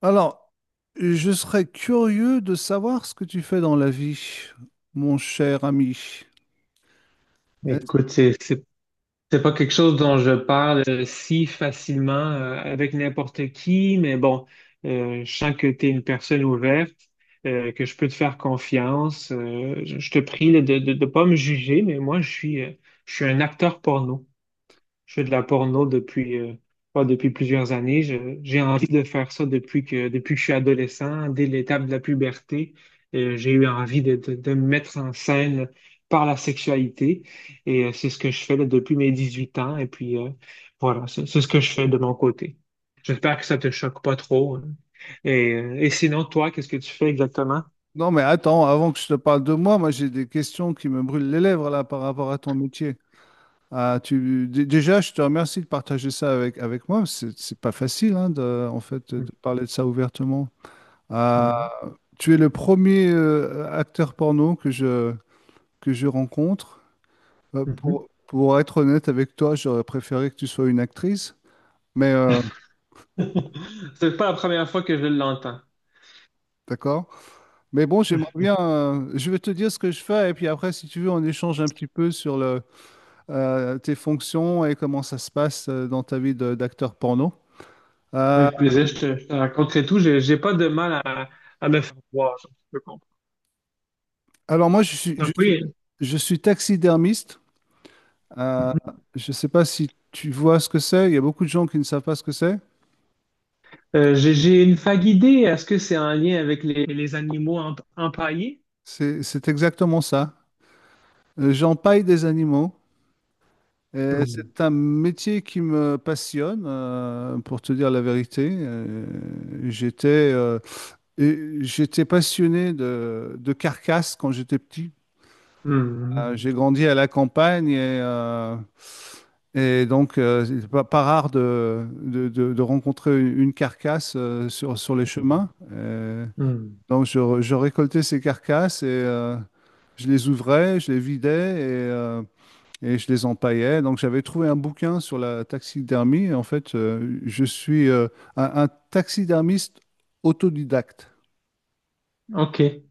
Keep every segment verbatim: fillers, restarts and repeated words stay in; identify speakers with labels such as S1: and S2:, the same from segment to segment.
S1: Alors, je serais curieux de savoir ce que tu fais dans la vie, mon cher ami. Est-
S2: Écoute, c'est c'est- c'est pas quelque chose dont je parle euh, si facilement euh, avec n'importe qui, mais bon, euh, je sens que tu es une personne ouverte, euh, que je peux te faire confiance. Euh, je, je te prie là, de ne pas me juger, mais moi, je suis, euh, je suis un acteur porno. Je fais de la porno depuis, euh, pas depuis plusieurs années. Je- j'ai envie de faire ça depuis que, depuis que je suis adolescent, dès l'étape de la puberté. Euh, j'ai eu envie de, de, de me mettre en scène par la sexualité. Et euh, c'est ce que je fais là, depuis mes dix-huit ans. Et puis, euh, voilà, c'est c'est ce que je fais de mon côté. J'espère que ça te choque pas trop, hein. Et, euh, et sinon, toi, qu'est-ce que tu fais exactement?
S1: Non, mais attends, avant que je te parle de moi, moi j'ai des questions qui me brûlent les lèvres là par rapport à ton métier. Ah, tu... dé- Déjà, je te remercie de partager ça avec, avec moi. C'est c'est pas facile, hein, de, en fait, de parler de ça ouvertement. Ah,
S2: Mhm,
S1: tu es le premier euh, acteur porno que je, que je rencontre. Euh,
S2: mhm.
S1: pour, pour être honnête avec toi, j'aurais préféré que tu sois une actrice, mais euh,
S2: C'est pas la première fois que je l'entends.
S1: d'accord. Mais bon, j'aimerais bien. Euh, je vais te dire ce que je fais, et puis après, si tu veux, on échange un petit peu sur le, euh, tes fonctions et comment ça se passe euh, dans ta vie de- d'acteur porno. Euh,
S2: Avec plaisir, je te, je te raconterai tout. J'ai, j'ai pas de mal à, à me faire voir, je peux comprendre.
S1: alors, moi, je suis, je
S2: Donc
S1: suis,
S2: oui,
S1: je suis taxidermiste. Euh, je ne sais pas si tu vois ce que c'est. Il y a beaucoup de gens qui ne savent pas ce que c'est.
S2: euh, j'ai, j'ai une vague idée. Est-ce que c'est en lien avec les, les animaux emp- empaillés?
S1: C'est, c'est exactement ça. Euh, J'empaille des animaux. et
S2: Hmm.
S1: C'est un métier qui me passionne, euh, pour te dire la vérité. Euh, j'étais. Euh, Et j'étais passionné de, de carcasses quand j'étais petit. Euh,
S2: Hmm.
S1: j'ai grandi à la campagne et, euh, et donc euh, c'est pas, pas rare de, de, de- de rencontrer une une carcasse euh, sur, sur les chemins. Euh,
S2: Hmm.
S1: donc je, re- je récoltais ces carcasses et euh, je les ouvrais, je les vidais et, euh, et je les empaillais. Donc j'avais trouvé un bouquin sur la taxidermie. En fait, euh, je suis euh, un un taxidermiste autodidacte.
S2: OK.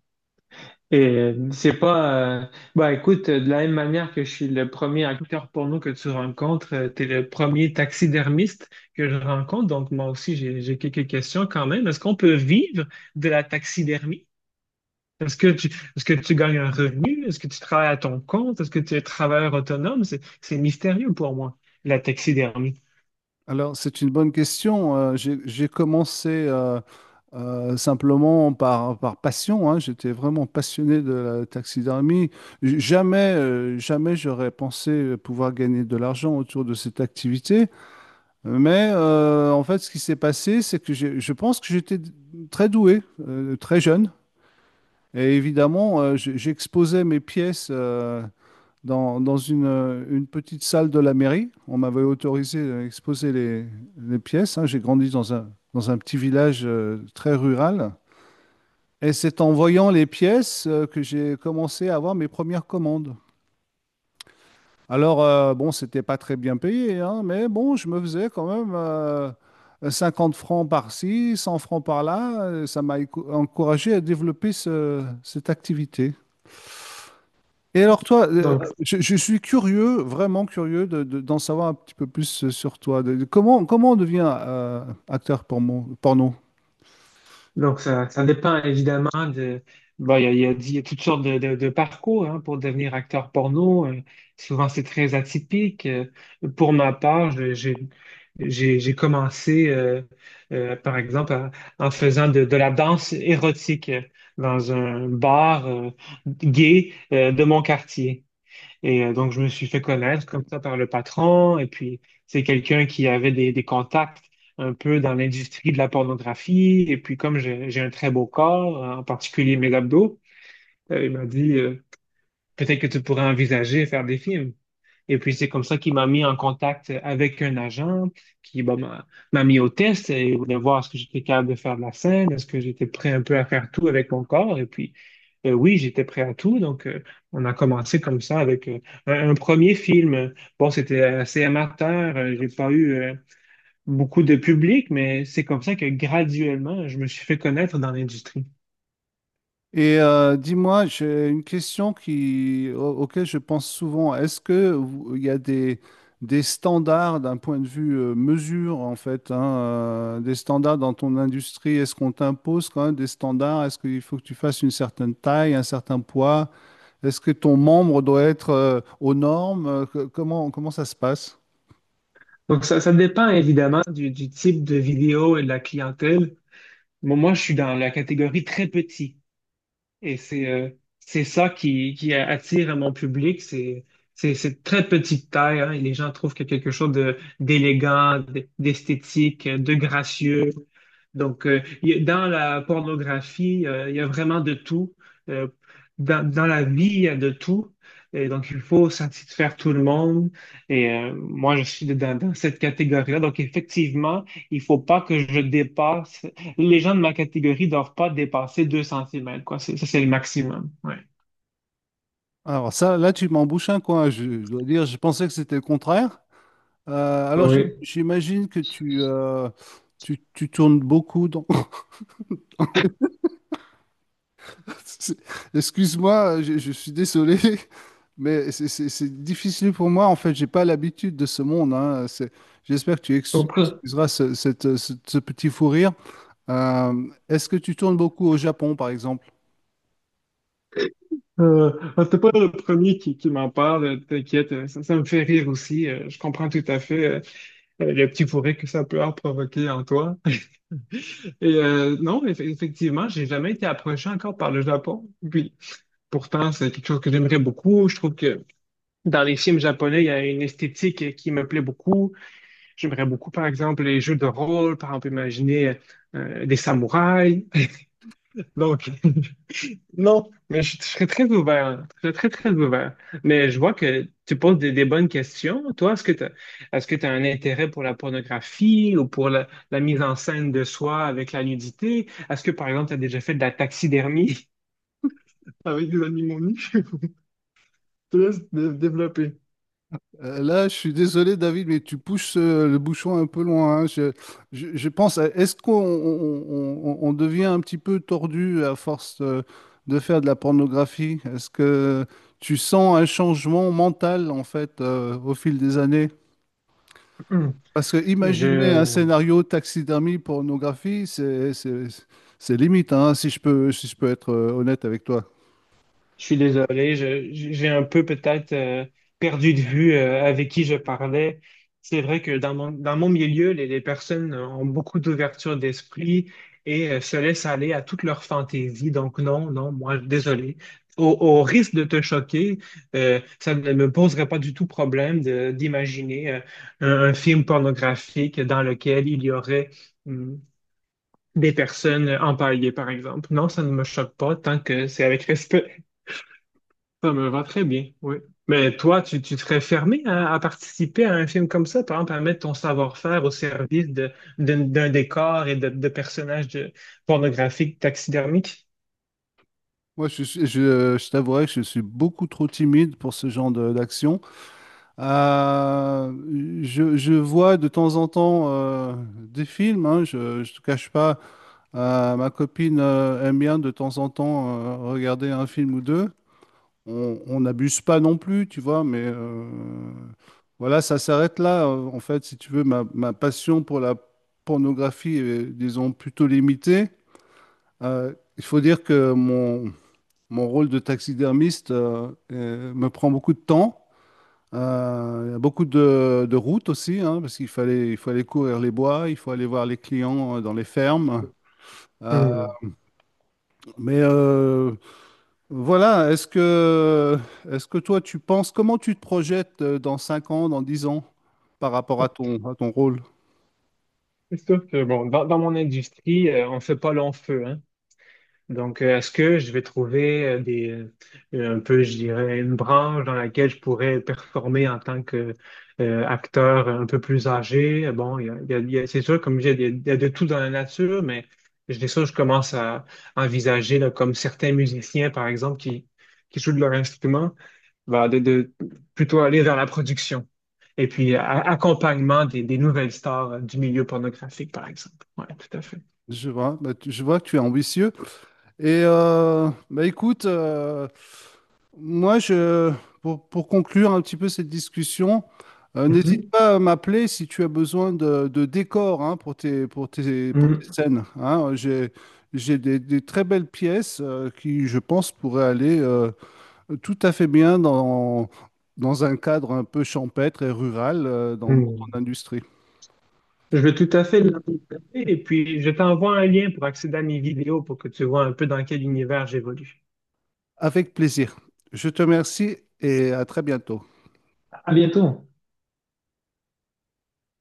S2: Et euh, c'est pas. Euh, bah écoute, euh, de la même manière que je suis le premier acteur porno que tu rencontres, euh, t'es le premier taxidermiste que je rencontre. Donc moi aussi, j'ai j'ai quelques questions quand même. Est-ce qu'on peut vivre de la taxidermie? Est-ce que tu, est-ce que tu gagnes un revenu? Est-ce que tu travailles à ton compte? Est-ce que tu es travailleur autonome? C'est, c'est mystérieux pour moi, la taxidermie.
S1: Alors, c'est une bonne question. Euh, j'ai j'ai commencé euh, euh, simplement par, par passion, hein. J'étais vraiment passionné de la taxidermie. J- Jamais, euh, jamais j'aurais pensé pouvoir gagner de l'argent autour de cette activité. Mais euh, en fait, ce qui s'est passé, c'est que j'ai- je pense que j'étais d- très doué, euh, très jeune. Et évidemment, euh, j- j'exposais mes pièces euh, dans, dans une, euh, une petite salle de la mairie. On m'avait autorisé à exposer les, les pièces, hein. J'ai grandi dans un, dans un petit village euh, très rural. Et c'est en voyant les pièces euh, que j'ai commencé à avoir mes premières commandes. Alors, euh, bon, c'était pas très bien payé, hein, mais bon, je me faisais quand même euh, cinquante francs par-ci, cent francs par-là. Euh, Ça m'a éco- encouragé à développer ce- cette activité. Et alors toi, euh,
S2: Donc,
S1: je, je suis curieux, vraiment curieux de, de- d'en savoir un petit peu plus euh, sur toi. De- de- comment, comment on devient euh, acteur porno, porno?
S2: Donc, ça, ça dépend évidemment de. Bon, il y a, il y a- il y a toutes sortes de, de- de parcours, hein, pour devenir acteur porno. Euh, souvent, c'est très atypique. Euh, pour ma part, je- j'ai j'ai j'ai commencé, euh, euh, par exemple, à- en faisant de, de la danse érotique euh, dans un bar euh, gay euh, de mon quartier. Et euh, donc, je me suis fait connaître comme ça par le patron. Et puis, c'est quelqu'un qui avait des, des contacts un peu dans l'industrie de la pornographie. Et puis, comme j'ai j'ai un très beau corps, euh, en particulier mes abdos, euh, il m'a dit, euh, peut-être que tu pourrais envisager faire des films. Et puis, c'est comme ça qu'il m'a mis en contact avec un agent qui, bah, m'a m'a mis au test et voulait voir est-ce que j'étais capable de faire de la scène, est-ce que j'étais prêt un peu à faire tout avec mon corps. Et puis, euh, oui, j'étais prêt à tout. Donc, euh, on a commencé comme ça avec euh, un, un premier film. Bon, c'était assez amateur. Euh, j'ai pas eu euh, beaucoup de public, mais c'est comme ça que graduellement, je me suis fait connaître dans l'industrie.
S1: Et euh, dis-moi, j'ai une question qui, au- auquel je pense souvent. Est-ce que vous- il y a des, des standards d'un point de vue euh, mesure, en fait, hein, euh, des standards dans ton industrie? Est-ce qu'on t'impose quand même des standards? Est-ce qu'il faut que tu fasses une certaine taille, un certain poids? Est-ce que ton membre doit être euh, aux normes? Euh, que- Comment, comment ça se passe?
S2: Donc, ça, ça dépend évidemment du, du type de vidéo et de la clientèle. Moi, moi, je suis dans la catégorie très petit. Et c'est euh, c'est ça qui, qui attire mon public. C'est c'est c'est de très petite taille, hein, et les gens trouvent qu'il y a quelque chose de d'élégant, d- d'esthétique, de gracieux. Donc, euh, y a- dans la pornographie, euh, il y a vraiment de tout. Euh, dans, dans la vie, il y a de tout. Et donc, il faut satisfaire tout le monde. Et euh, moi, je suis dans, dans cette catégorie-là. Donc, effectivement, il faut pas que je dépasse. Les gens de ma catégorie doivent pas dépasser deux centimètres, quoi. C'est- Ça, c'est le maximum. Ouais.
S1: Alors ça, là, tu m'embouches un coin. Je, je dois dire, je pensais que c'était le contraire. Euh, alors j'im-
S2: Oui,
S1: j'imagine que tu, euh, tu, tu tournes beaucoup dans... C'est- Excuse-moi, je, je suis désolé, mais c'est c'est- c'est difficile pour moi. En fait, j'ai pas l'habitude de ce monde, hein. C'est- J'espère que tu
S2: je
S1: ex-
S2: comprends.
S1: excuseras ce, cette- ce- ce petit fou rire. Euh, est-ce que tu tournes beaucoup au Japon, par exemple?
S2: Euh, c'est pas le premier qui, qui m'en parle, euh, t'inquiète, euh, ça, ça me fait rire aussi, euh, je comprends tout à fait. euh, le petit bourré que ça peut avoir provoqué en toi. Et euh, non, eff- effectivement, j'ai jamais été approché encore par le Japon. Puis, pourtant, c'est quelque chose que j'aimerais beaucoup. Je trouve que dans les films japonais, il y a une esthétique qui me plaît beaucoup. J'aimerais beaucoup, par exemple, les jeux de rôle, par exemple, imaginer euh, des samouraïs. Donc, non, mais je, je serais très ouvert, hein. Je serais très, très ouvert. Mais je vois que tu poses des, des bonnes questions. Toi, est-ce que tu est-ce que tu as un intérêt pour la pornographie ou pour la, la mise en scène de soi avec la nudité? Est-ce que, par exemple, tu as déjà fait de la taxidermie? Avec des animaux nus, je te laisse dé- développer.
S1: Euh, Là, je suis désolé, David, mais tu pousses euh, le bouchon un peu loin, hein. Je, je- je pense, à- est-ce qu'on on- on- on devient un petit peu tordu à force euh, de, faire de la pornographie? Est-ce que tu sens un changement mental, en fait, euh, au fil des années?
S2: Hum.
S1: Parce que imaginer un
S2: Je,
S1: scénario taxidermie pornographie, c'est, c'est, c'est limite, hein, si je peux, si je peux être euh, honnête avec toi.
S2: Je suis désolé, je- j'ai un peu peut-être euh, perdu de vue euh, avec qui je parlais. C'est vrai que dans mon, dans mon milieu, les, les personnes ont beaucoup d'ouverture d'esprit et euh, se laissent aller à toutes leurs fantaisies. Donc non, non, moi, désolé. Au, au risque de te choquer, euh, ça ne me poserait pas du tout problème de- d'imaginer euh, un, un film pornographique dans lequel il y aurait hum, des personnes empaillées, par exemple. Non, ça ne me choque pas tant que c'est avec respect. Ça me va très bien, oui. Mais toi, tu, tu serais fermé à, à, participer à un film comme ça, par exemple, à mettre ton savoir-faire au service de, d'un d'un décor et de, de personnages de- pornographiques taxidermiques?
S1: Moi, je, suis- je, je t'avouerai que je suis beaucoup trop timide pour ce genre de- d'action. Euh, je, je vois de temps en temps euh, des films, hein, je ne te cache pas. Euh, ma copine euh, aime bien de temps en temps euh, regarder un film ou deux. On on n'abuse pas non plus, tu vois, mais euh, voilà, ça s'arrête là. euh, En fait, si tu veux, ma, ma passion pour la pornographie est, disons, plutôt limitée. Euh, il faut dire que mon, mon rôle de taxidermiste euh, euh, me prend beaucoup de temps. Euh, il y a beaucoup de, de routes aussi, hein, parce qu'il fallait, il faut aller courir les bois, il faut aller voir les clients euh, dans les fermes. Euh,
S2: Hmm.
S1: mais euh, voilà, est-ce que, est-ce que toi, tu penses, comment tu te projettes euh, dans cinq ans, dans dix ans, par rapport à ton, à ton rôle?
S2: C'est sûr que, bon, dans, dans mon industrie, euh, on ne fait pas long feu, hein. Donc, euh, est-ce que je vais trouver euh, des, euh, un peu, je dirais, une branche dans laquelle je pourrais performer en tant que euh, acteur un peu plus âgé? Bon, il y a, il y a- il y a- c'est sûr, comme je dis, il y a, il y a de tout dans la nature, mais je dis ça, je commence à envisager, là, comme certains musiciens, par exemple, qui, qui jouent de leur instrument, ben, de, de plutôt aller vers la production. Et puis, a- accompagnement des, des nouvelles stars euh, du milieu pornographique, par exemple. Oui, tout à fait.
S1: Je vois, bah, tu- je vois que tu es ambitieux. Et euh, bah, écoute, euh, Moi, je, pour, pour conclure un petit peu cette discussion, euh, n'hésite pas à m'appeler si tu as besoin de, de décors, hein, pour tes, pour tes, pour tes
S2: Mhm.
S1: scènes, hein. J'ai, j'ai des, des très belles pièces euh, qui, je pense, pourraient aller euh, tout à fait bien dans, dans un cadre un peu champêtre et rural euh, dans dans ton
S2: Mhm.
S1: industrie.
S2: Je vais tout à fait l'apporter et puis je t'envoie un lien pour accéder à mes vidéos pour que tu vois un peu dans quel univers j'évolue.
S1: Avec plaisir. Je te remercie et à très bientôt.
S2: À bientôt.